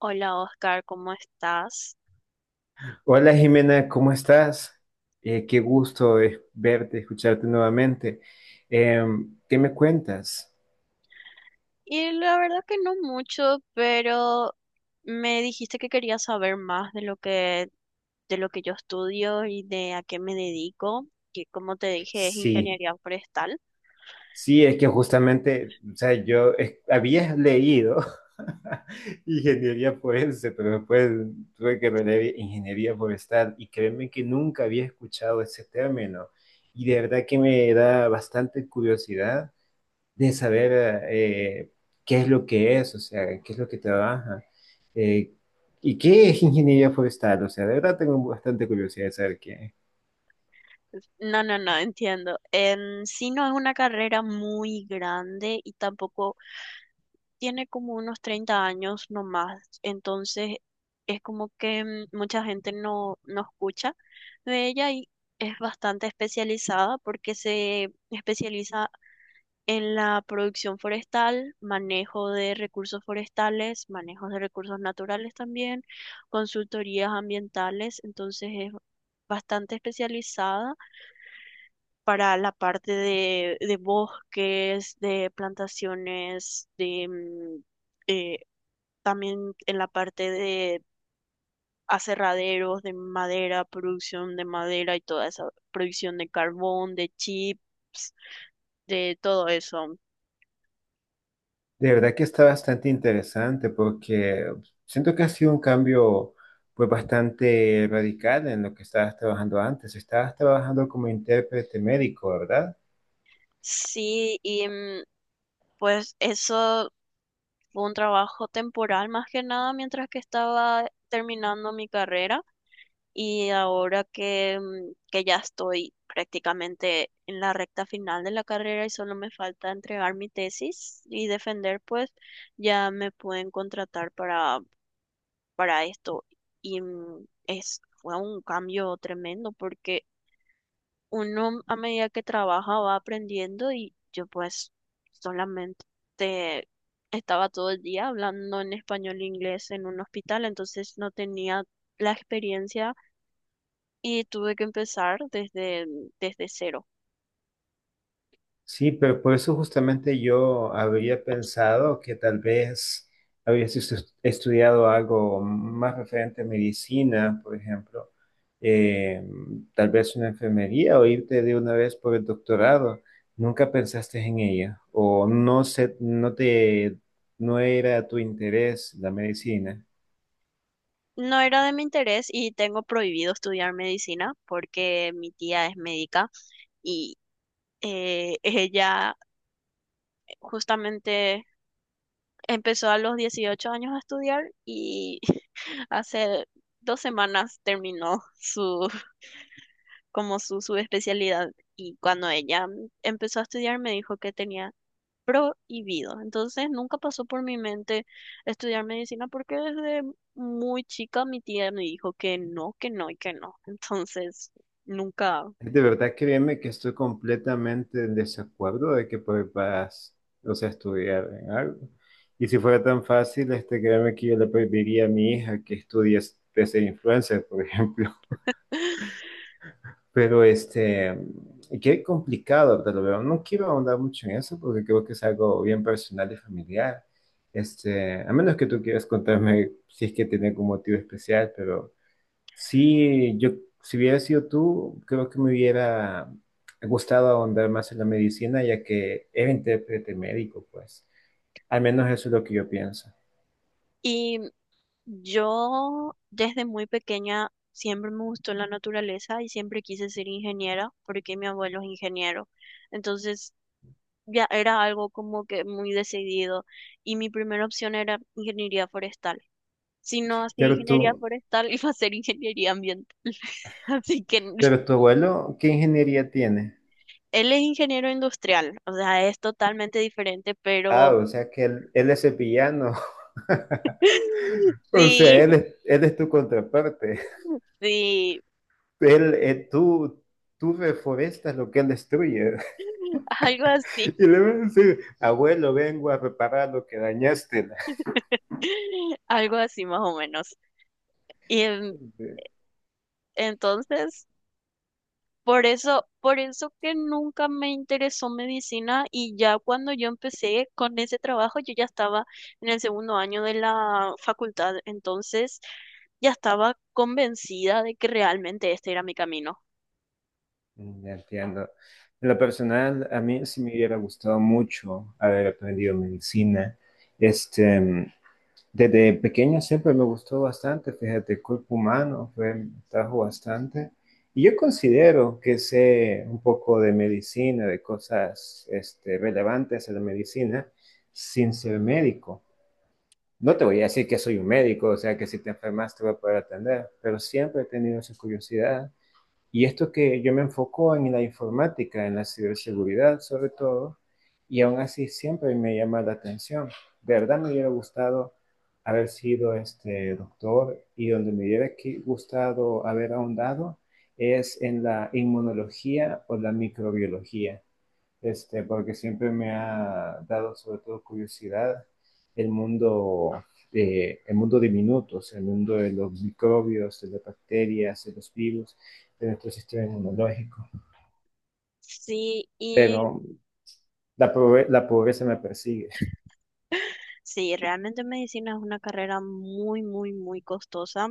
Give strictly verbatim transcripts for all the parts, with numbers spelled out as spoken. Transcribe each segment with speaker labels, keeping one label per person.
Speaker 1: Hola Oscar, ¿cómo estás?
Speaker 2: Hola Jimena, ¿cómo estás? Eh, qué gusto eh, verte, escucharte nuevamente. Em, ¿qué me cuentas?
Speaker 1: Y la verdad que no mucho, pero me dijiste que querías saber más de lo que, de lo que yo estudio y de a qué me dedico, que como te dije es
Speaker 2: Sí,
Speaker 1: ingeniería forestal.
Speaker 2: sí, es que justamente, o sea, yo eh, había leído ingeniería forense, pero después tuve que releer ingeniería forestal y créeme que nunca había escuchado ese término y de verdad que me da bastante curiosidad de saber eh, qué es lo que es, o sea, qué es lo que trabaja eh, y qué es ingeniería forestal. O sea, de verdad tengo bastante curiosidad de saber qué es.
Speaker 1: No, no, no, entiendo. En sí no es una carrera muy grande y tampoco tiene como unos treinta años no más. Entonces es como que mm, mucha gente no, no escucha de ella y es bastante especializada porque se especializa en la producción forestal, manejo de recursos forestales, manejo de recursos naturales también, consultorías ambientales. Entonces es bastante especializada para la parte de, de bosques, de plantaciones, de mm, eh, también en la parte de aserraderos, de madera, producción de madera y toda esa producción de carbón, de chips, de todo eso.
Speaker 2: De verdad que está bastante interesante porque siento que ha sido un cambio pues bastante radical en lo que estabas trabajando antes. Estabas trabajando como intérprete médico, ¿verdad?
Speaker 1: Sí, y mm, pues eso fue un trabajo temporal más que nada mientras que estaba terminando mi carrera. Y ahora que, mm, que ya estoy prácticamente en la recta final de la carrera y solo me falta entregar mi tesis y defender, pues ya me pueden contratar para, para esto. Y mm, es, fue un cambio tremendo porque uno a medida que trabaja va aprendiendo, y yo pues solamente estaba todo el día hablando en español e inglés en un hospital, entonces no tenía la experiencia y tuve que empezar desde, desde cero.
Speaker 2: Sí, pero por eso justamente yo habría pensado que tal vez habrías estu- estudiado algo más referente a medicina, por ejemplo, eh, tal vez una enfermería o irte de una vez por el doctorado. Nunca pensaste en ella o no sé, no te, no era tu interés la medicina.
Speaker 1: No era de mi interés y tengo prohibido estudiar medicina porque mi tía es médica y eh, ella justamente empezó a los dieciocho años a estudiar y hace dos semanas terminó su, como su, su especialidad, y cuando ella empezó a estudiar me dijo que tenía prohibido. Entonces nunca pasó por mi mente estudiar medicina, porque desde muy chica mi tía me dijo que no, que no y que no. Entonces nunca.
Speaker 2: De verdad, créeme que estoy completamente en desacuerdo de que pues, vas, o sea, a estudiar en algo. Y si fuera tan fácil, este, créeme que yo le pediría a mi hija que estudie de ser influencer, por ejemplo. Pero este, y qué complicado, te lo veo. No quiero ahondar mucho en eso porque creo que es algo bien personal y familiar. Este, a menos que tú quieras contarme si es que tiene algún motivo especial, pero sí, yo, si hubiera sido tú, creo que me hubiera gustado ahondar más en la medicina, ya que era intérprete médico, pues. Al menos eso es lo que yo pienso.
Speaker 1: Y yo desde muy pequeña siempre me gustó la naturaleza y siempre quise ser ingeniera porque mi abuelo es ingeniero. Entonces ya era algo como que muy decidido, y mi primera opción era ingeniería forestal. Si no hacía
Speaker 2: Pero
Speaker 1: ingeniería
Speaker 2: tú,
Speaker 1: forestal, iba a hacer ingeniería ambiental. Así que.
Speaker 2: pero tu abuelo, ¿qué ingeniería tiene?
Speaker 1: Él es ingeniero industrial, o sea, es totalmente diferente,
Speaker 2: Ah,
Speaker 1: pero
Speaker 2: o sea que él, él es sevillano. O sea,
Speaker 1: sí,
Speaker 2: él es, él es tu contraparte.
Speaker 1: sí,
Speaker 2: Él, eh, tú, tú reforestas lo que él destruye.
Speaker 1: algo así,
Speaker 2: Y le va a decir, abuelo, vengo a reparar lo que dañaste.
Speaker 1: algo así más o menos. Y en- entonces. Por eso, por eso que nunca me interesó medicina, y ya cuando yo empecé con ese trabajo yo ya estaba en el segundo año de la facultad, entonces ya estaba convencida de que realmente este era mi camino.
Speaker 2: Ya entiendo. En lo personal, a mí sí me hubiera gustado mucho haber aprendido medicina. Este, Desde pequeño siempre me gustó bastante, fíjate, el cuerpo humano fue, me trajo bastante. Y yo considero que sé un poco de medicina, de cosas este, relevantes a la medicina, sin ser médico. No te voy a decir que soy un médico, o sea, que si te enfermas te voy a poder atender, pero siempre he tenido esa curiosidad. Y esto que yo me enfoco en la informática, en la ciberseguridad sobre todo, y aún así siempre me llama la atención. De verdad me hubiera gustado haber sido este doctor y donde me hubiera que- gustado haber ahondado es en la inmunología o la microbiología este, porque siempre me ha dado sobre todo curiosidad el mundo, de, el mundo de minutos, el mundo de los microbios, de las bacterias, de los virus, de nuestro sistema inmunológico.
Speaker 1: Sí, y
Speaker 2: Pero la, pobre- la pobreza me persigue.
Speaker 1: sí, realmente medicina es una carrera muy, muy, muy costosa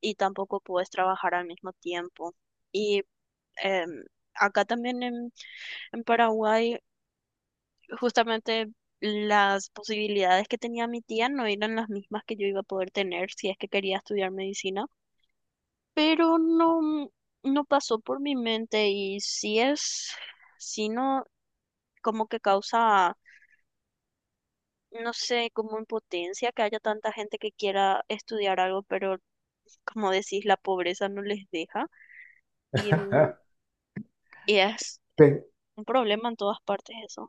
Speaker 1: y tampoco puedes trabajar al mismo tiempo. Y em, acá también en, en Paraguay justamente las posibilidades que tenía mi tía no eran las mismas que yo iba a poder tener si es que quería estudiar medicina, pero no, no pasó por mi mente. Y sí es, sí no, como que causa, no sé, como impotencia que haya tanta gente que quiera estudiar algo, pero como decís, la pobreza no les deja. y, mm, y es un problema en todas partes eso.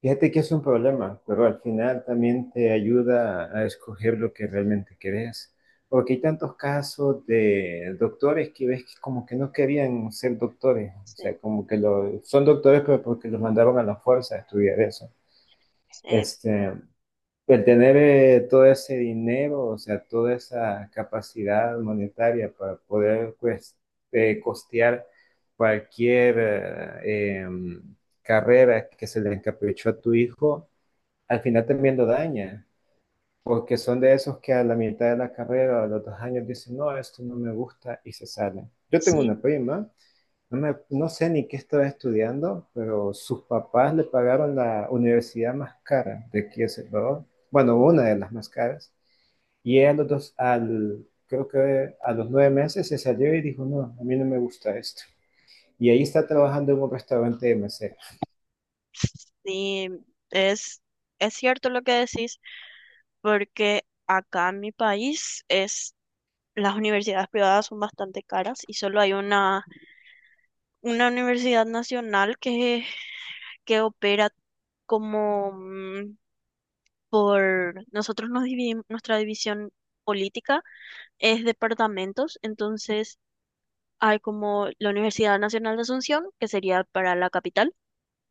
Speaker 2: Fíjate que es un problema, pero al final también te ayuda a escoger lo que realmente querés. Porque hay tantos casos de doctores que ves que como que no querían ser doctores. O
Speaker 1: Sí,
Speaker 2: sea, como que lo, son doctores, pero porque los mandaron a la fuerza a estudiar eso. Este, el tener eh, todo ese dinero, o sea, toda esa capacidad monetaria para poder pues, eh, costear cualquier eh, em, carrera que se le encaprichó a tu hijo al final también lo daña, porque son de esos que a la mitad de la carrera o a los dos años dicen, no, esto no me gusta y se salen. Yo tengo
Speaker 1: sí,
Speaker 2: una prima, no, me- no sé ni qué estaba estudiando, pero sus papás le pagaron la universidad más cara de aquí de Salvador, bueno,
Speaker 1: sí.
Speaker 2: una de las más caras, y ella a los dos, al, creo que a los nueve meses se salió y dijo, no, a mí no me gusta esto. Y ahí está trabajando en un restaurante de mesera.
Speaker 1: Sí, es, es cierto lo que decís, porque acá en mi país es, las universidades privadas son bastante caras y solo hay una, una universidad nacional que, que opera como mm, por, nosotros nos dividimos. Nuestra división política es departamentos, entonces hay como la Universidad Nacional de Asunción, que sería para la capital.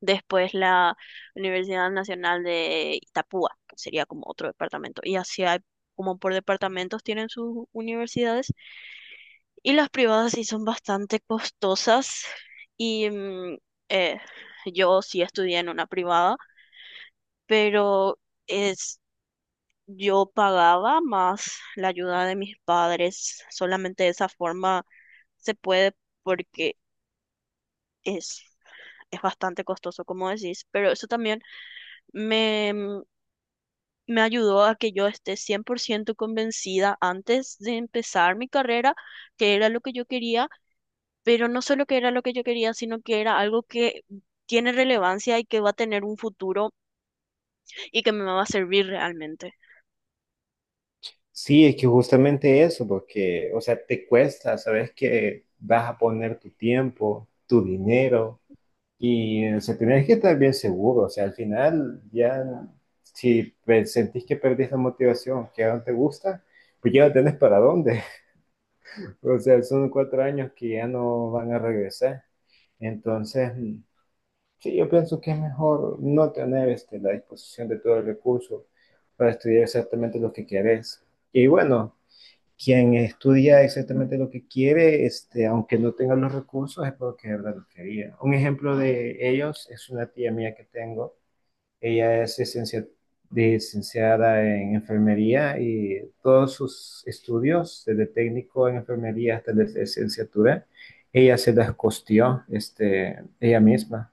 Speaker 1: Después la Universidad Nacional de Itapúa, que sería como otro departamento. Y así hay, como por departamentos tienen sus universidades. Y las privadas sí son bastante costosas. Y mm, eh, yo sí estudié en una privada, pero es, yo pagaba más la ayuda de mis padres. Solamente de esa forma se puede, porque es... es bastante costoso, como decís, pero eso también me, mm, me ayudó a que yo esté cien por ciento convencida antes de empezar mi carrera, que era lo que yo quería, pero no solo que era lo que yo quería, sino que era algo que tiene relevancia y que va a tener un futuro, y que me va a servir realmente.
Speaker 2: Sí, es que justamente eso, porque, o sea, te cuesta, sabes que vas a poner tu tiempo, tu dinero, y, o sea, tenés que estar bien seguro, o sea, al final ya, si pe- sentís que perdés la motivación, que ya no te gusta, pues ya no tenés para dónde, o sea, son cuatro años que ya no van a regresar, entonces, mm, sí, yo pienso que es mejor no tener, este, la disposición de todo el recurso para estudiar exactamente lo que querés, y bueno quien estudia exactamente lo que quiere, este, aunque no tenga los recursos, es porque de verdad lo quería. Un ejemplo de ellos es una tía mía que tengo. Ella es licencia- licenciada en enfermería y todos sus estudios, desde técnico en enfermería hasta la licenciatura, ella se las costeó, este, ella misma.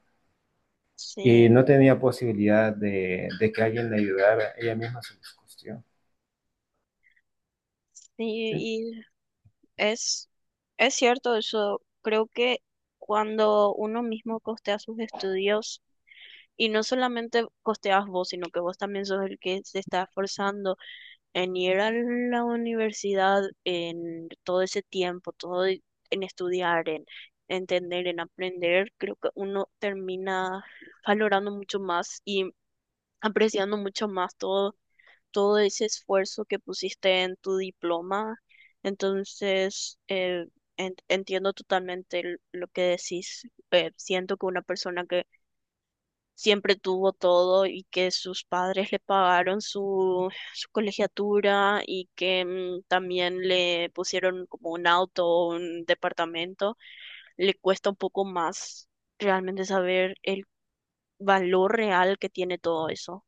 Speaker 2: Y
Speaker 1: Sí,
Speaker 2: no tenía posibilidad de, de que alguien le ayudara, ella misma se las costeó.
Speaker 1: sí, y es, es cierto eso. Creo que cuando uno mismo costea sus estudios, y no solamente costeas vos, sino que vos también sos el que se está esforzando en ir a la universidad, en todo ese tiempo, todo e- en estudiar, en entender, en aprender, creo que uno termina valorando mucho más y apreciando mucho más todo, todo ese esfuerzo que pusiste en tu diploma. Entonces, eh, en- entiendo totalmente l- lo que decís. Eh, siento que una persona que siempre tuvo todo y que sus padres le pagaron su, su colegiatura, y que mm, también le pusieron como un auto o un departamento, le cuesta un poco más realmente saber el valor real que tiene todo eso.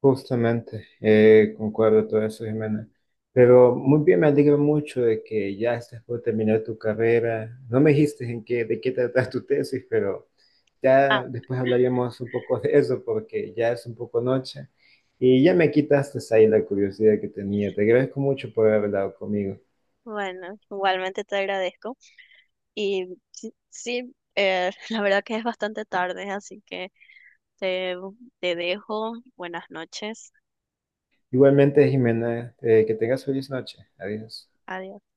Speaker 2: Justamente, eh, concuerdo todo eso, Jimena. Pero muy bien, me alegro mucho de que ya estás por terminar tu carrera. No me dijiste en qué, de qué tratas tu tesis, pero
Speaker 1: Ah,
Speaker 2: ya después hablaríamos un poco de eso porque ya es un poco noche y ya me quitaste ahí la curiosidad que tenía. Te agradezco mucho por haber hablado conmigo.
Speaker 1: bueno, igualmente te agradezco. Y sí, sí, eh, la verdad que es bastante tarde, así que te, te dejo. Buenas noches.
Speaker 2: Igualmente, Jimena, eh, que tengas feliz noche. Adiós.
Speaker 1: Adiós.